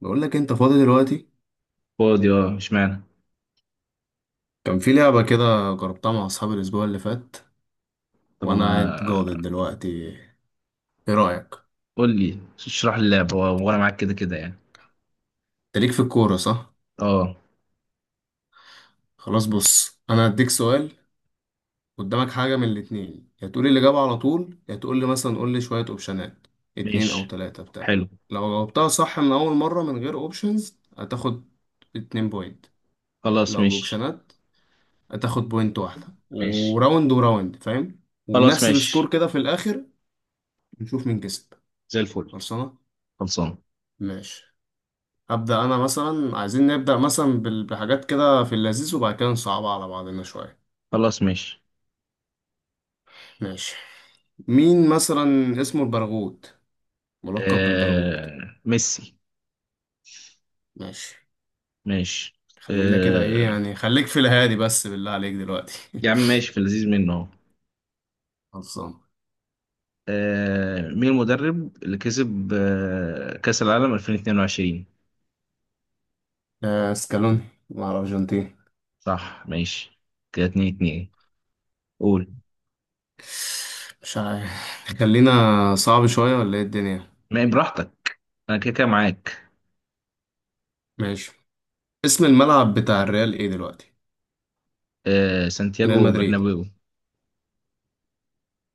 بقول لك انت فاضي دلوقتي. فاضي، اه، اشمعنى؟ كان في لعبة كده جربتها مع اصحابي الاسبوع اللي فات طب وانا قاعد ما جاضد دلوقتي. ايه رأيك؟ قول لي اشرح لي اللعبة وانا معاك كده كده يعني. انت ليك في الكورة صح؟ اه، خلاص، بص انا هديك سؤال. قدامك حاجة من الاتنين، يا تقول لي الإجابة على طول، يا تقول لي مثلا، قول لي شوية اوبشنات، اتنين او ماشي. تلاتة بتاع. حلو. لو جاوبتها صح من اول مرة من غير اوبشنز هتاخد 2 بوينت. خلاص لو ماشي. باوبشنات هتاخد بوينت واحدة، ماشي. وراوند وراوند، فاهم؟ خلاص وبنحسب سكور ماشي. كده في الاخر، نشوف مين كسب. زي الفل. خلصانة. خلصان. ماشي. هبدأ أنا مثلا، عايزين نبدأ مثلا بحاجات كده في اللذيذ، وبعد كده نصعبها على بعضنا شوية. خلاص ماشي. ماشي. مين مثلا اسمه البرغوت، ملقب بالبرغوت؟ ميسي. ماشي، ماشي. خلينا كده، إيه آه... يعني، خليك في الهادي بس بالله عليك دلوقتي. يا عم ماشي، في اللذيذ منه اهو. خلصان. مين المدرب اللي كسب كأس العالم 2022؟ سكالوني، مع الأرجنتين. صح ماشي، كده 2-2. قول. مش عارف، خلينا، صعب شوية ولا إيه الدنيا؟ ما براحتك، انا كده كده معاك. ماشي. اسم الملعب بتاع الريال إيه دلوقتي؟ ريال سانتياغو مدريد. برنابيو.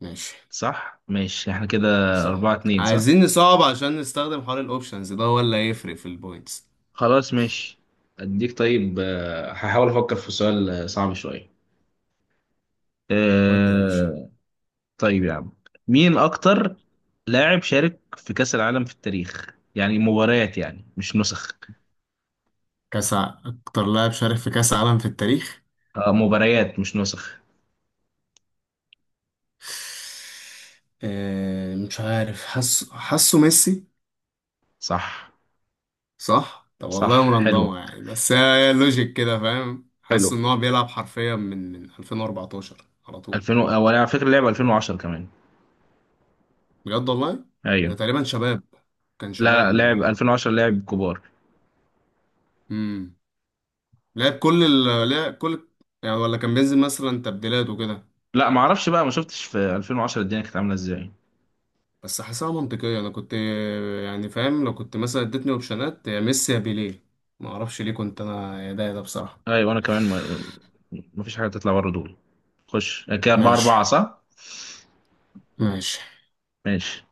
ماشي. صح ماشي، احنا كده. أربعة صح، اتنين صح. عايزين نصعب عشان نستخدم حوار الاوبشنز ده، هو اللي هيفرق في البوينتس. خلاص ماشي. أديك طيب، هحاول أفكر في سؤال صعب شوية. ودي يا باشا. أه... طيب يا عم، مين أكتر لاعب شارك في كأس العالم في التاريخ يعني مباريات يعني مش نسخ. اكتر لاعب شارك في كاس عالم في التاريخ. أه، مباريات مش نسخ. مش عارف، حاسه ميسي. صح. صح، طب والله صح، حلو. مرندمه يعني، بس هي لوجيك كده، فاهم، حلو. حاسه ان هو بيلعب حرفيا من 2014 على طول. 2000 هو على فكرة لعب 2010 كمان. بجد والله؟ ده أيوه. تقريبا شباب، كان شباب لا لا، لعب ما. 2010، لعب كبار. امم لعب كل. يعني ولا كان بينزل مثلا تبديلات وكده؟ لا، ما اعرفش بقى، ما شفتش في 2010 الدنيا كانت عاملة ازاي. بس حاسسها منطقية، أنا كنت. يعني فاهم، لو كنت مثلا اديتني أوبشنات يا ميسي يا بيليه. ما أعرفش ليه، كنت أنا يا ده يا ده بصراحة. ايوه، انا كمان مفيش حاجه تطلع بره دول. خش كده، اربعه ماشي. اربعه صح. ماشي. ماشي.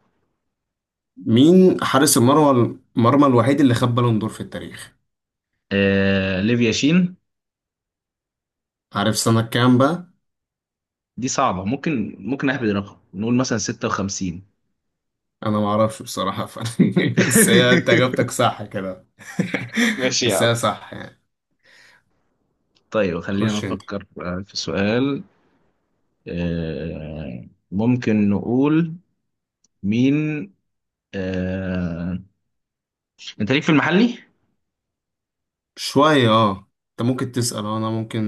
مين حارس المرمى الوحيد اللي خد بالون دور في التاريخ؟ ليفيا شين. عارف سنة كام بقى؟ دي صعبه، ممكن اهبد رقم نقول مثلا 56. أنا ما أعرفش بصراحة بس هي أنت إجابتك صح كده. ماشي يا بس هي عم. صح يعني. طيب خلينا خش أنت. نفكر في سؤال. ممكن نقول مين. آه، انت ليك في المحلي؟ شوية أه. أنت ممكن تسأل، أنا ممكن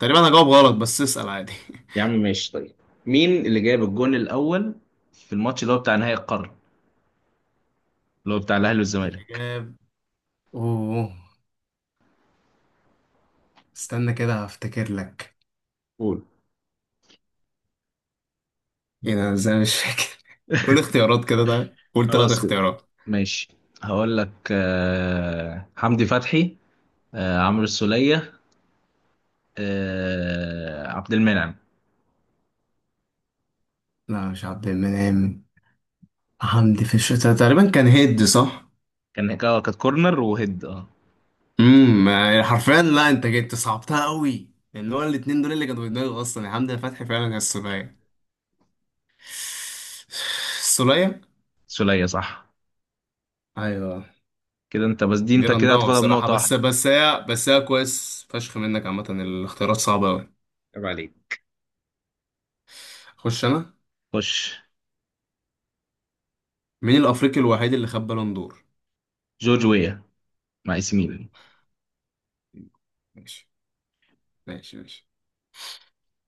تقريبا هجاوب غلط، بس اسأل عادي يا عم ماشي. طيب، مين اللي جاب الجون الأول في الماتش اللي هو بتاع نهائي القرن، اللي هو بتاع الأهلي اللي والزمالك؟ جاب، أوه استنى كده هفتكر لك. قول. ايه ده، أنا ازاي مش فاكر قول اختيارات كده، طيب قول ثلاث خلاص اختيارات. ماشي. هقول لك حمدي فتحي، عمرو السولية، عبد المنعم. لا، مش عبد المنعم. حمدي، في الشتاء تقريبا، كان هيد صح؟ كانت كورنر وهيد، اه. يعني حرفيا لا، انت جيت أنت صعبتها قوي لان هو الاتنين دول اللي كانوا في دماغي اصلا، يا حمدي فتحي فعلا يا السولية. السولية. سولية صح. ايوه. كده انت بس، دي دي انت كده رندمة هتاخدها بصراحة، بنقطة بس واحدة. بس هي بس هي كويس فشخ منك، عامة الاختيارات صعبة قوي. عيب عليك. خش انا. خش. مين الافريقي الوحيد اللي خد بالون دور؟ جورج ويا، مع اي ميلان. ماشي. ماشي. ماشي.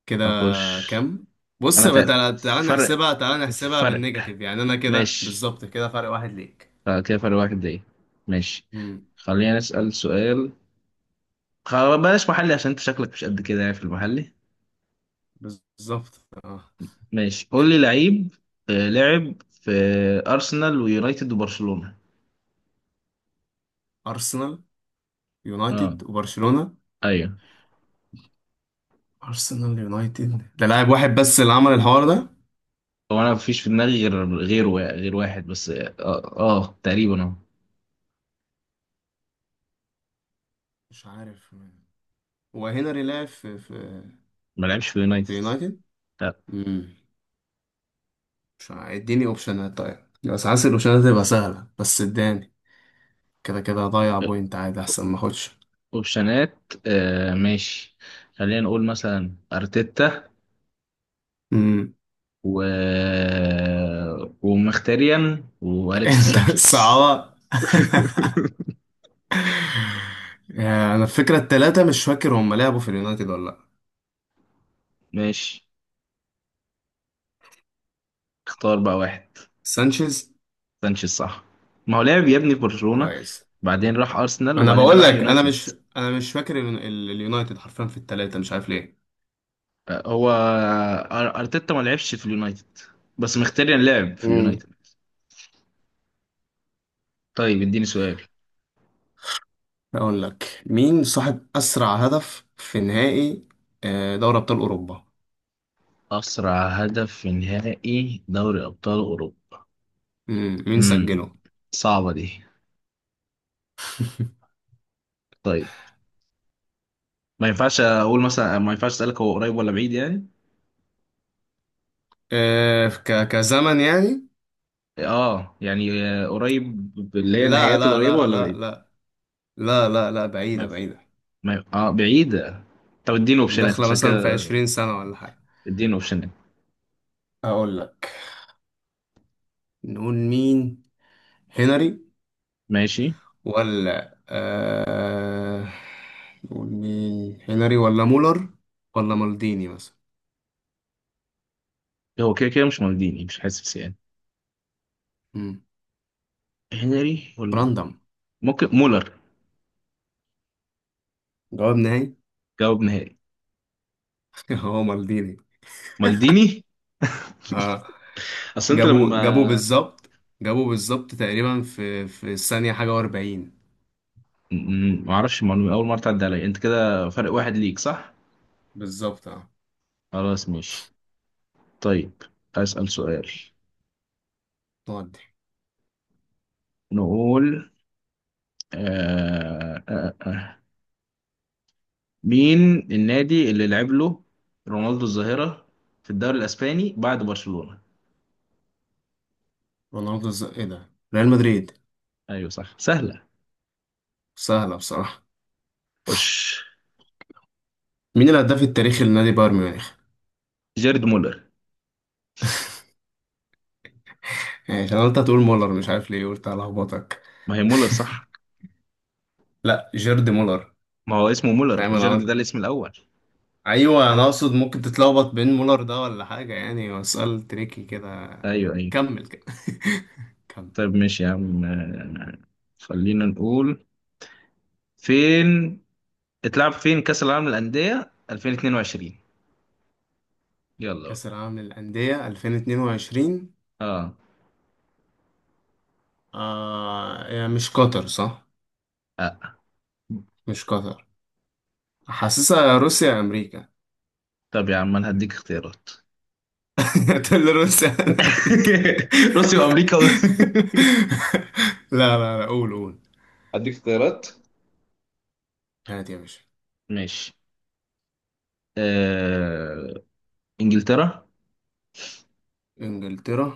كده اخش. كام؟ بص انا بقى، تالت تعالى تعالى فرق نحسبها، تعالى نحسبها فرق بالنيجاتيف، يعني انا كده ماشي. بالظبط كده فرق واحد ليك. كده فرق واحد، دقيقة. ماشي. امم خلينا نسأل سؤال. خ- بلاش محلي، عشان انت شكلك مش قد كده يعني في المحلي. بالظبط اه. ماشي، قول لي لعيب لعب في أرسنال ويونايتد وبرشلونة. ارسنال اه. يونايتد وبرشلونة. ايوه. ارسنال يونايتد، ده لاعب واحد بس اللي عمل الحوار ده. هو انا مفيش في دماغي غير واحد بس، اه. تقريبا، اه. مش عارف مين. هو هنري لعب في في ما لعبش في يونايتد. في يونايتد؟ لا. امم مش عارف. اديني اوبشنات طيب. بس حاسس الاوبشنات هتبقى سهلة، بس اداني. كده كده هضيع آه، بوينت عادي، احسن ما اخدش. اوبشنات. ماشي، خلينا نقول مثلا ارتيتا امم و ومختاريان واليكس انت سانشيز. الصعبة انا الفكره التلاتة مش فاكر هم لعبوا في اليونايتد ولا لا. ماشي، اختار بقى واحد. سانشيز. سانشيز صح. ما هو لعب يا ابني في برشلونة، كويس. بعدين راح ارسنال، انا وبعدين بقول راح لك، انا يونايتد. مش انا مش فاكر اليونايتد حرفيا في التلاتة، مش عارف ليه. هو ارتيتا ما لعبش في اليونايتد، بس مختاري لعب في امم اليونايتد. طيب اديني سؤال. اقول لك، مين صاحب اسرع هدف في نهائي دوري ابطال اوروبا؟ اسرع هدف في نهائي دوري ابطال اوروبا. مين امم سجله؟ صعبه دي. طيب، ما ينفعش اسالك هو قريب ولا بعيد يعني؟ آه، ك كزمن يعني؟ اه، يعني قريب اللي هي لا، النهائيات لا، القريبه لا، ولا لا، بعيد؟ لا، لا، لا، لا، ما بعيدة ينف- بعيدة. ما ينف- اه، بعيده. طب اديني اوبشنات داخلة عشان مثلا في كده. 20 سنة ولا حاجة؟ اديني اوبشنات. أقول لك، نقول مين هنري ماشي. ولا آه... نقول مين هنري ولا مولر ولا مالديني مثلا؟ هو كده كده مش مالديني، مش حاسس يعني. مم. هنري ولا راندم. ممكن مولر. جواب نهائي. جواب نهائي. هو مالديني. مالديني. ها؟ اصل انت جابوا لما بالظبط. جابوا بالظبط تقريبا في الثانية حاجة و40. ما اعرفش المعلومه، اول مره تعدي عليا. انت كده فرق واحد ليك صح. بالظبط اه. خلاص ماشي. طيب اسال سؤال. تودي. نقول آه آه آه. مين النادي اللي لعب له رونالدو الظاهره في الدوري الاسباني بعد برشلونه؟ رونالدو ايه ده، ريال مدريد. ايوه صح، سهله. سهلة بصراحة. خش. مين الهداف التاريخي لنادي بايرن ميونخ؟ جيرد مولر. يعني عشان أنا قلت هتقول مولر، مش عارف ليه، قلت هلخبطك. ما هي مولر صح. لا، جيرد مولر. ما هو اسمه مولر، فاهم جيرد انا. ده الاسم الاول. ايوه، انا اقصد ممكن تتلخبط بين مولر ده ولا حاجه، يعني هو سؤال تريكي كده. ايوه ايوه. كمل كده كمل. طيب ماشي يا عم. خلينا نقول فين اتلعب فين كأس العالم للأندية 2022؟ يلا بقى. كاس العالم للانديه 2022؟ اه. يعني مش قطر صح؟ آه. مش قطر. حاسسها روسيا يا امريكا طب يا عم انا هديك اختيارات. تقول لي روسيا ولا امريكا؟ روسيا وامريكا لا، لا، لا، قول قول. هديك اختيارات. هات يا باشا. ماشي. آه... انجلترا، انجلترا.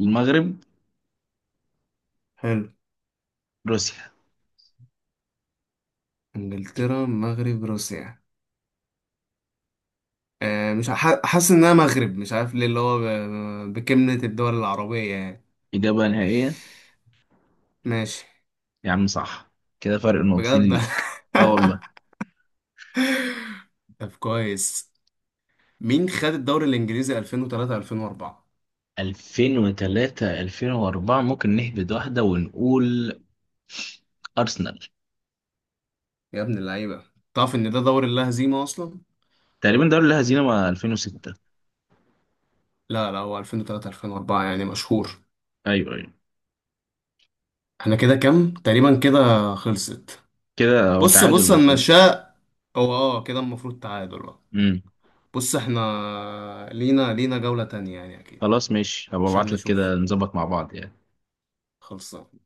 المغرب، حلو. روسيا. انجلترا، المغرب، روسيا. مش حاسس انها مغرب، مش عارف ليه، اللي هو بكلمة الدول العربية يعني. إجابة نهائية. ماشي. يا عم صح، كده فرق نقطتين بجد ليك. اه والله. طب كويس. مين خد الدوري الانجليزي 2003 2004؟ 2003-2004، ممكن نهبد واحدة ونقول أرسنال. يا ابن اللعيبة. تعرف ان ده دوري لا هزيمة اصلا؟ تقريبا دوري الهزيمة، مع 2006. لا، لا، هو 2003 2004 يعني مشهور. أيوه أيوه. احنا كده كام تقريبا كده؟ خلصت. كده هو بص تعادل بص المفروض. المشاء. هو اه كده المفروض تعادل بقى. امم. بص، احنا لينا جولة تانية يعني اكيد. خلاص ماشي، هبقى عشان ابعت لك نشوف. كده نظبط مع بعض يعني. خلصان.